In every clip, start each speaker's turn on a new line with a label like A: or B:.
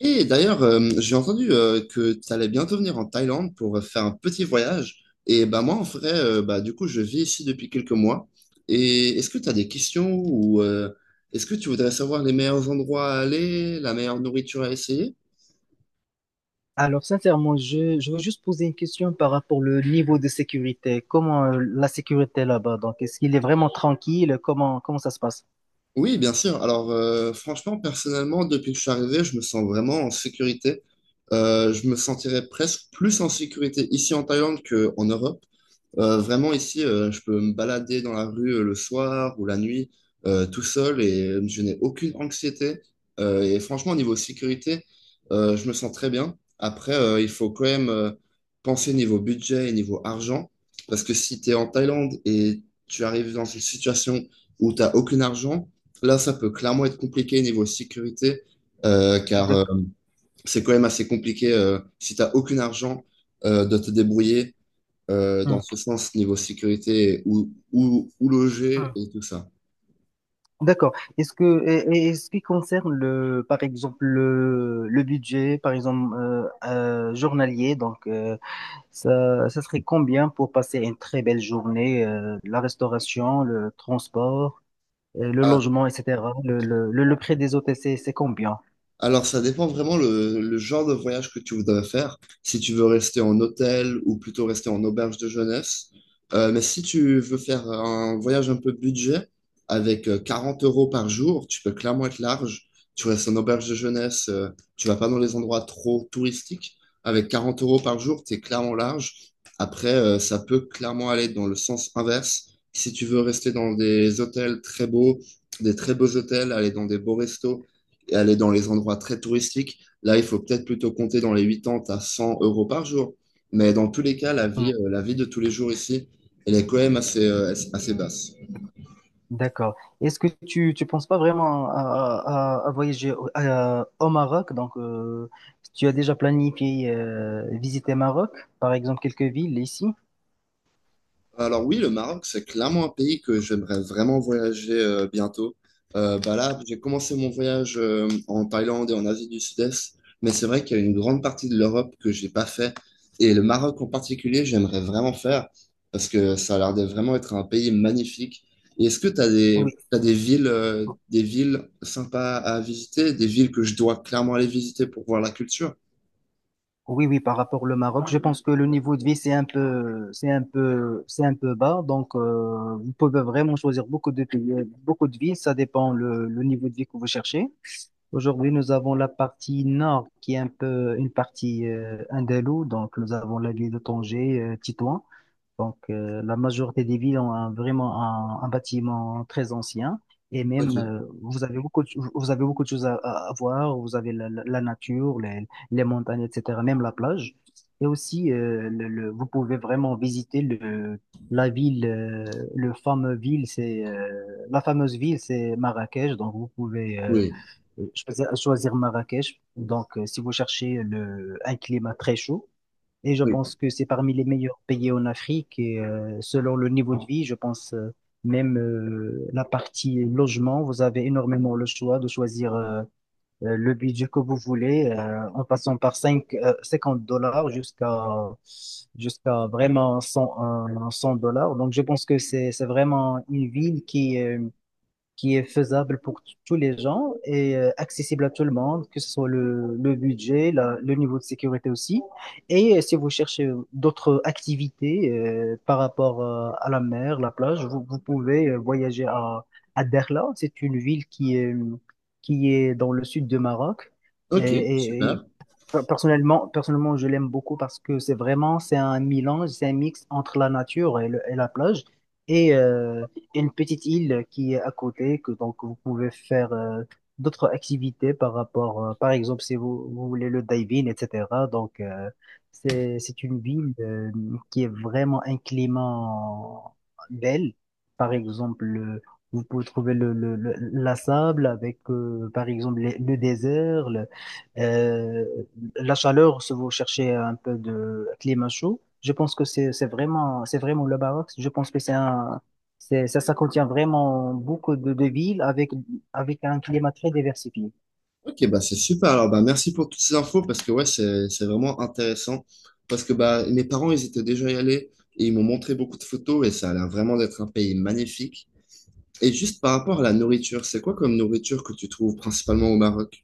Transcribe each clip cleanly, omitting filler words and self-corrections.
A: Et d'ailleurs, j'ai entendu que tu allais bientôt venir en Thaïlande pour faire un petit voyage. Et bah, moi, en vrai, du coup, je vis ici depuis quelques mois. Et est-ce que tu as des questions ou est-ce que tu voudrais savoir les meilleurs endroits à aller, la meilleure nourriture à essayer?
B: Alors, sincèrement, je veux juste poser une question par rapport au niveau de sécurité. Comment la sécurité là-bas? Donc, est-ce qu'il est vraiment tranquille? Comment ça se passe?
A: Oui, bien sûr. Alors, franchement, personnellement, depuis que je suis arrivé, je me sens vraiment en sécurité. Je me sentirais presque plus en sécurité ici en Thaïlande qu'en Europe. Vraiment, ici, je peux me balader dans la rue le soir ou la nuit tout seul et je n'ai aucune anxiété. Et franchement, au niveau sécurité, je me sens très bien. Après, il faut quand même penser niveau budget et niveau argent. Parce que si tu es en Thaïlande et tu arrives dans une situation où tu n'as aucun argent, là, ça peut clairement être compliqué niveau sécurité, car
B: D'ac-
A: c'est quand même assez compliqué si tu n'as aucun argent de te débrouiller dans
B: Hmm.
A: ce sens, niveau sécurité, où loger
B: Hmm.
A: et tout ça.
B: D'accord. Et ce qui concerne le, par exemple, le budget, par exemple, journalier, donc, ça serait combien pour passer une très belle journée? La restauration, le transport? Et le
A: Ah,
B: logement, etc. Le prix des hôtels, c'est combien?
A: alors, ça dépend vraiment le genre de voyage que tu voudrais faire. Si tu veux rester en hôtel ou plutôt rester en auberge de jeunesse. Mais si tu veux faire un voyage un peu budget, avec 40 euros par jour, tu peux clairement être large. Tu restes en auberge de jeunesse, tu vas pas dans les endroits trop touristiques. Avec 40 euros par jour, tu es clairement large. Après, ça peut clairement aller dans le sens inverse. Si tu veux rester dans des hôtels très beaux, des très beaux hôtels, aller dans des beaux restos, et aller dans les endroits très touristiques. Là, il faut peut-être plutôt compter dans les 80 à 100 euros par jour. Mais dans tous les cas,
B: Hmm,
A: la vie de tous les jours ici, elle est quand même assez, assez basse.
B: D'accord. Est-ce que tu penses pas vraiment à, à voyager au Maroc? Donc, tu as déjà planifié visiter Maroc, par exemple quelques villes ici?
A: Alors oui, le Maroc, c'est clairement un pays que j'aimerais vraiment voyager bientôt. Bah là, j'ai commencé mon voyage en Thaïlande et en Asie du Sud-Est, mais c'est vrai qu'il y a une grande partie de l'Europe que j'ai pas fait. Et le Maroc en particulier, j'aimerais vraiment faire parce que ça a l'air de vraiment être un pays magnifique. Et est-ce que tu as des, t'as des villes sympas à visiter, des villes que je dois clairement aller visiter pour voir la culture?
B: Oui, Par rapport au Maroc, je pense que le niveau de vie, c'est un peu bas. Donc, vous pouvez vraiment choisir beaucoup de pays, beaucoup de villes. Ça dépend le niveau de vie que vous cherchez. Aujourd'hui, nous avons la partie nord qui est un peu une partie andalouse. Donc, nous avons la ville de Tanger, Tétouan. Donc, la majorité des villes ont vraiment un bâtiment très ancien. Et
A: Ok,
B: même, vous avez beaucoup de choses à, à voir. Vous avez la, la nature, les montagnes, etc., même la plage. Et aussi, vous pouvez vraiment visiter le, la ville, euh, le fameux ville, c'est, euh, la fameuse ville, c'est Marrakech. Donc, vous pouvez
A: oui,
B: choisir Marrakech. Donc, si vous cherchez le, un climat très chaud, et je
A: oui.
B: pense que c'est parmi les meilleurs pays en Afrique. Et selon le niveau de vie, je pense même la partie logement, vous avez énormément le choix de choisir le budget que vous voulez, en passant par 5, 50 $ jusqu'à vraiment 100, 100 dollars. Donc je pense que c'est vraiment une ville qui est faisable pour tous les gens et accessible à tout le monde, que ce soit le budget, le niveau de sécurité aussi. Et si vous cherchez d'autres activités par rapport à la mer, la plage, vous pouvez voyager à Derla. C'est une ville qui est dans le sud de Maroc. Et,
A: Ok,
B: et- et
A: super.
B: Personnellement, personnellement, je l'aime beaucoup parce que c'est vraiment, c'est un mélange, c'est un mix entre la nature et, et la plage et une petite île qui est à côté, que donc vous pouvez faire d'autres activités par rapport, par exemple, si vous voulez le diving, etc. Donc, c'est une ville qui est vraiment un climat belle. Par exemple, vous pouvez trouver le, la sable avec, par exemple, le désert, euh, la chaleur, si vous cherchez un peu de climat chaud, je pense que c'est vraiment le baroque. Je pense que c'est un, c'est, ça contient vraiment beaucoup de villes avec, avec un climat très diversifié.
A: Ok, bah c'est super. Alors, bah, merci pour toutes ces infos parce que ouais, c'est vraiment intéressant. Parce que bah, mes parents, ils étaient déjà y allés et ils m'ont montré beaucoup de photos et ça a l'air vraiment d'être un pays magnifique. Et juste par rapport à la nourriture, c'est quoi comme nourriture que tu trouves principalement au Maroc?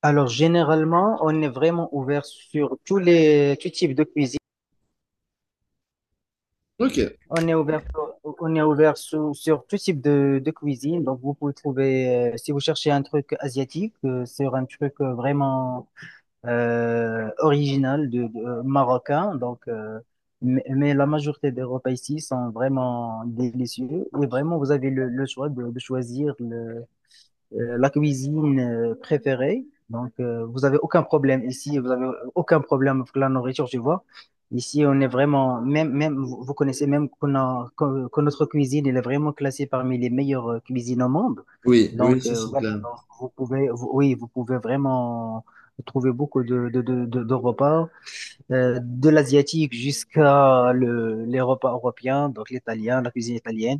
B: Alors, généralement, on est vraiment ouvert sur tous les, tous types de cuisine.
A: Ok,
B: On est ouvert, sur- on est ouvert sur, sur tout type de cuisine. Donc, vous pouvez trouver, si vous cherchez un truc asiatique, sur un truc vraiment original de, marocain. Donc, mais la majorité des repas ici sont vraiment délicieux. Et vraiment, vous avez le choix de choisir le, la cuisine préférée. Donc, vous avez aucun problème ici, vous avez aucun problème avec la nourriture, tu vois. Ici, on est vraiment, même, même, vous vous connaissez même qu'on a, que notre cuisine, elle est vraiment classée parmi les meilleures cuisines au monde.
A: oui, oui,
B: Donc,
A: ça c'est
B: voilà,
A: clair.
B: donc, oui, vous pouvez vraiment trouver beaucoup de repas, de l'asiatique jusqu'à le, les repas européens, donc l'italien, la cuisine italienne,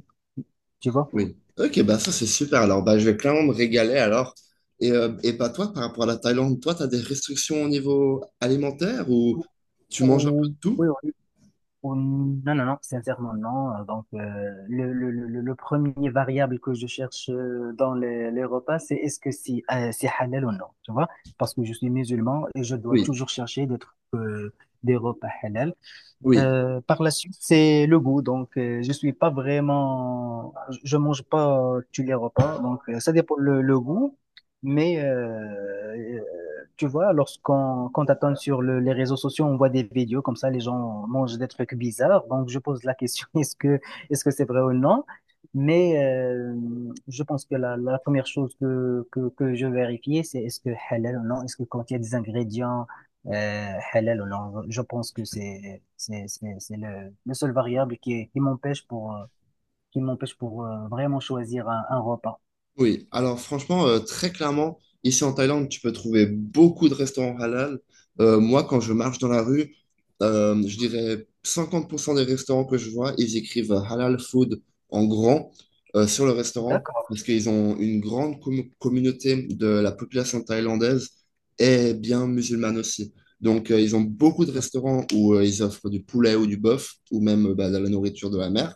B: tu vois.
A: Oui. Ok, bah ça c'est super. Alors, bah, je vais clairement me régaler alors. Et bah toi, par rapport à la Thaïlande, toi, tu as des restrictions au niveau alimentaire ou tu manges un peu de
B: Oui,
A: tout?
B: oui. Hum, Non, non, non, sincèrement, non. Donc, le premier variable que je cherche dans les repas, c'est est-ce que si, c'est halal ou non, tu vois? Parce que je suis musulman et je dois
A: Oui,
B: toujours chercher des trucs, des repas halal.
A: oui.
B: Par la suite, c'est le goût. Donc, je suis pas vraiment, je mange pas tous les repas. Donc, ça dépend le goût. Mais euh, tu vois, lorsqu'on quand t'attends sur les réseaux sociaux, on voit des vidéos comme ça, les gens mangent des trucs bizarres. Donc, je pose la question, est-ce que c'est vrai ou non? Mais je pense que la première chose que je vérifiais, c'est est-ce que halal ou non? Est-ce que quand il y a des ingrédients halal ou non. Je pense que c'est le seul variable qui m'empêche pour vraiment choisir un repas.
A: Oui, alors franchement, très clairement, ici en Thaïlande, tu peux trouver beaucoup de restaurants halal. Moi, quand je marche dans la rue, je dirais 50% des restaurants que je vois, ils écrivent halal food en grand sur le restaurant
B: D'accord.
A: parce qu'ils ont une grande communauté de la population thaïlandaise et bien musulmane aussi. Donc, ils ont beaucoup de restaurants où ils offrent du poulet ou du bœuf ou même de la nourriture de la mer.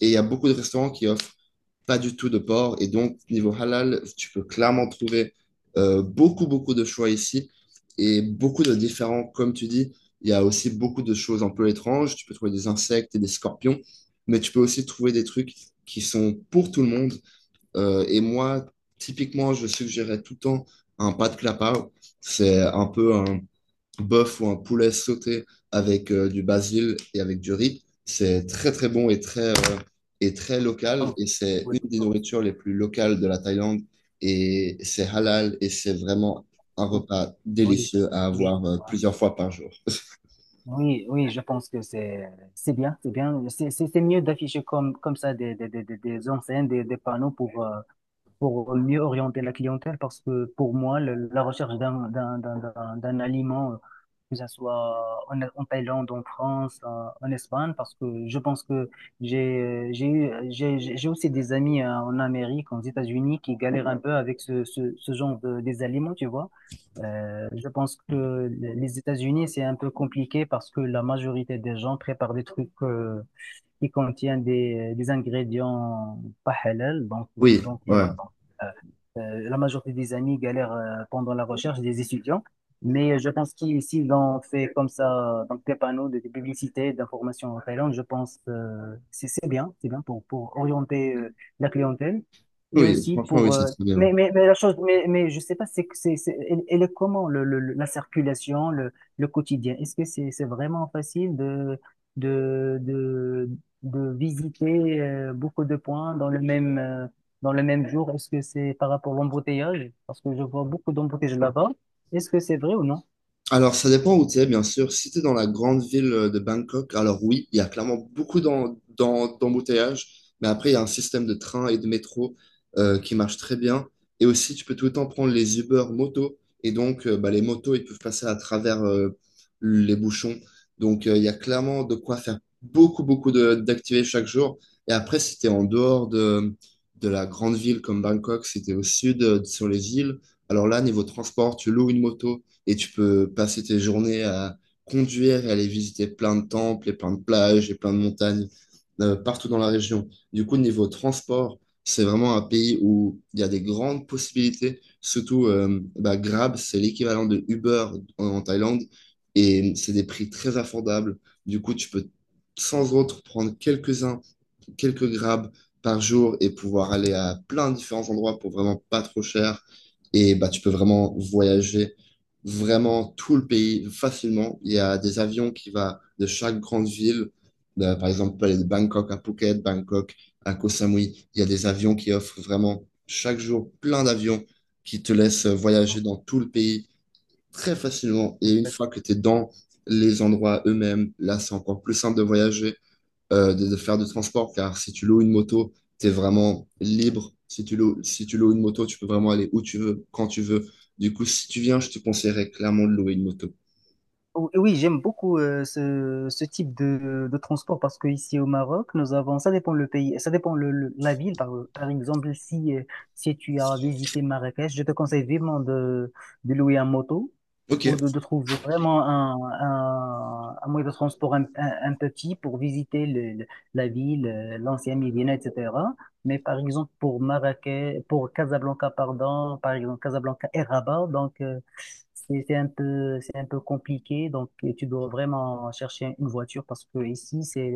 A: Et il y a beaucoup de restaurants qui offrent pas du tout de porc. Et donc, niveau halal, tu peux clairement trouver beaucoup de choix ici et beaucoup de différents, comme tu dis. Il y a aussi beaucoup de choses un peu étranges. Tu peux trouver des insectes et des scorpions, mais tu peux aussi trouver des trucs qui sont pour tout le monde. Et moi, typiquement, je suggérais tout le temps un pas de c'est un peu un, bœuf ou un poulet sauté avec du basil et avec du riz. C'est très très bon et très local
B: Oh,
A: et c'est
B: Oui,
A: une des nourritures les plus locales de la Thaïlande et c'est halal et c'est vraiment un
B: oui,
A: repas
B: oui,
A: délicieux à
B: oui,
A: avoir
B: je vois.
A: plusieurs fois par jour.
B: Oui, oui, je pense que c'est bien, c'est mieux d'afficher comme ça des enseignes, des panneaux pour mieux orienter la clientèle parce que pour moi, la recherche d'un aliment, que ça soit en, en Thaïlande, en France, en, en Espagne, parce que je pense que j'ai eu- j'ai aussi des amis en Amérique, aux États-Unis, qui galèrent un peu avec ce genre de, des aliments, tu vois. Je pense que les États-Unis, c'est un peu compliqué parce que la majorité des gens préparent des trucs qui contient des ingrédients pas halal.
A: Oui,
B: Donc
A: ouais.
B: voilà. Donc, euh, la majorité des amis galèrent pendant la recherche des étudiants. Mais je pense qu'ici, on fait comme ça, donc des panneaux de publicité, d'information en Thaïlande, je pense c'est bien pour orienter la clientèle. Et
A: Oui,
B: aussi
A: franchement, oui,
B: pour...
A: c'est très bien.
B: mais la chose, mais je sais pas, elle, elle est comment, le, la circulation, le quotidien? Est-ce que c'est vraiment facile de, de, de, de visiter beaucoup de points dans le même jour? Est-ce que c'est par rapport à l'embouteillage? Parce que je vois beaucoup d'embouteillages là-bas. Est-ce que c'est vrai ou non?
A: Alors, ça dépend où tu es, bien sûr. Si tu es dans la grande ville de Bangkok, alors oui, il y a clairement beaucoup d'embouteillages, mais après, il y a un système de train et de métro qui marche très bien. Et aussi, tu peux tout le temps prendre les Uber moto. Et donc, les motos, ils peuvent passer à travers les bouchons. Donc, il y a clairement de quoi faire beaucoup, d'activités chaque jour. Et après, si tu es en dehors de la grande ville comme Bangkok, si tu es au sud, sur les îles, alors là, niveau transport, tu loues une moto et tu peux passer tes journées à conduire et aller visiter plein de temples et plein de plages et plein de montagnes partout dans la région. Du coup, niveau transport, c'est vraiment un pays où il y a des grandes possibilités. Surtout, Grab, c'est l'équivalent de Uber en, en Thaïlande et c'est des prix très affordables. Du coup, tu peux sans autre prendre quelques-uns quelques grabs par jour et pouvoir aller à plein de différents endroits pour vraiment pas trop cher. Et bah, tu peux vraiment voyager vraiment tout le pays facilement. Il y a des avions qui vont de chaque grande ville. De- par exemple, tu peux aller de Bangkok à Phuket, Bangkok à Koh Samui. Il y a des avions qui offrent vraiment chaque jour plein d'avions qui te laissent voyager dans tout le pays très facilement. Et une fois que tu es dans les endroits eux-mêmes, là, c'est encore plus simple de voyager de faire du transport, car si tu loues une moto, tu es vraiment libre. Si tu loues, si tu loues une moto, tu peux vraiment aller où tu veux, quand tu veux. Du coup, si tu viens, je te conseillerais clairement de louer une moto.
B: Oui, j'aime beaucoup ce type de transport parce que ici au Maroc, nous avons, ça dépend le pays, ça dépend le, la ville. Par exemple, si, si tu as visité Marrakech, je te conseille vivement de louer un moto
A: Ok,
B: ou de trouver vraiment un moyen de transport un peu petit pour visiter le, la ville, l'ancien Médina, etc. Mais par exemple, pour Marrakech, pour Casablanca, pardon, par exemple, Casablanca et Rabat, donc, c'est un peu compliqué. Donc, tu dois vraiment chercher une voiture parce que ici, c'est,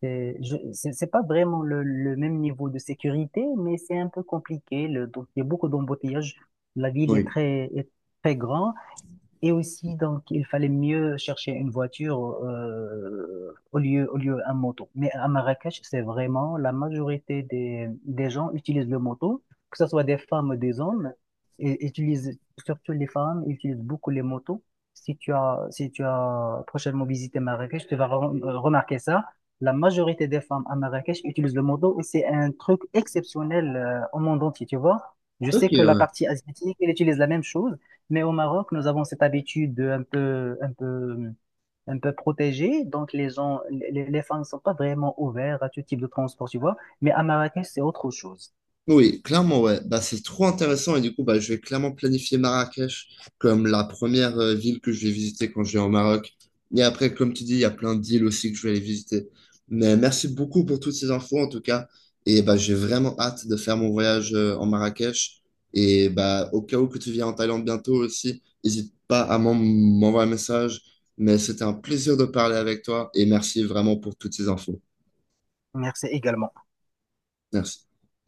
B: c'est, je- c'est pas vraiment le même niveau de sécurité, mais c'est un peu compliqué. Le, donc, il y a beaucoup d'embouteillages. La ville est
A: oui.
B: très, est très grande. Et aussi, donc, il fallait mieux chercher une voiture au lieu un moto. Mais à Marrakech, c'est vraiment la majorité des gens utilisent le moto, que ce soit des femmes ou des hommes, et utilisent, surtout les femmes, utilisent beaucoup les motos. Si tu as prochainement visité Marrakech, tu vas remarquer ça. La majorité des femmes à Marrakech utilisent le moto et c'est un truc exceptionnel au monde entier, tu vois. Je sais que la
A: Ok,
B: partie asiatique, elle utilise la même chose. Mais au Maroc, nous avons cette habitude un peu protégée. Donc, les gens, les femmes ne sont pas vraiment ouvertes à tout type de transport, tu vois. Mais à Marrakech, c'est autre chose.
A: oui, clairement, ouais. Bah, c'est trop intéressant et du coup, bah, je vais clairement planifier Marrakech comme la première ville que je vais visiter quand je vais au Maroc. Et après, comme tu dis, il y a plein d'îles aussi que je vais aller visiter. Mais merci beaucoup pour toutes ces infos en tout cas. Et bah, j'ai vraiment hâte de faire mon voyage en Marrakech. Et bah, au cas où que tu viens en Thaïlande bientôt aussi, n'hésite pas à m'envoyer un message. Mais c'était un plaisir de parler avec toi et merci vraiment pour toutes ces infos.
B: Merci également.
A: Merci.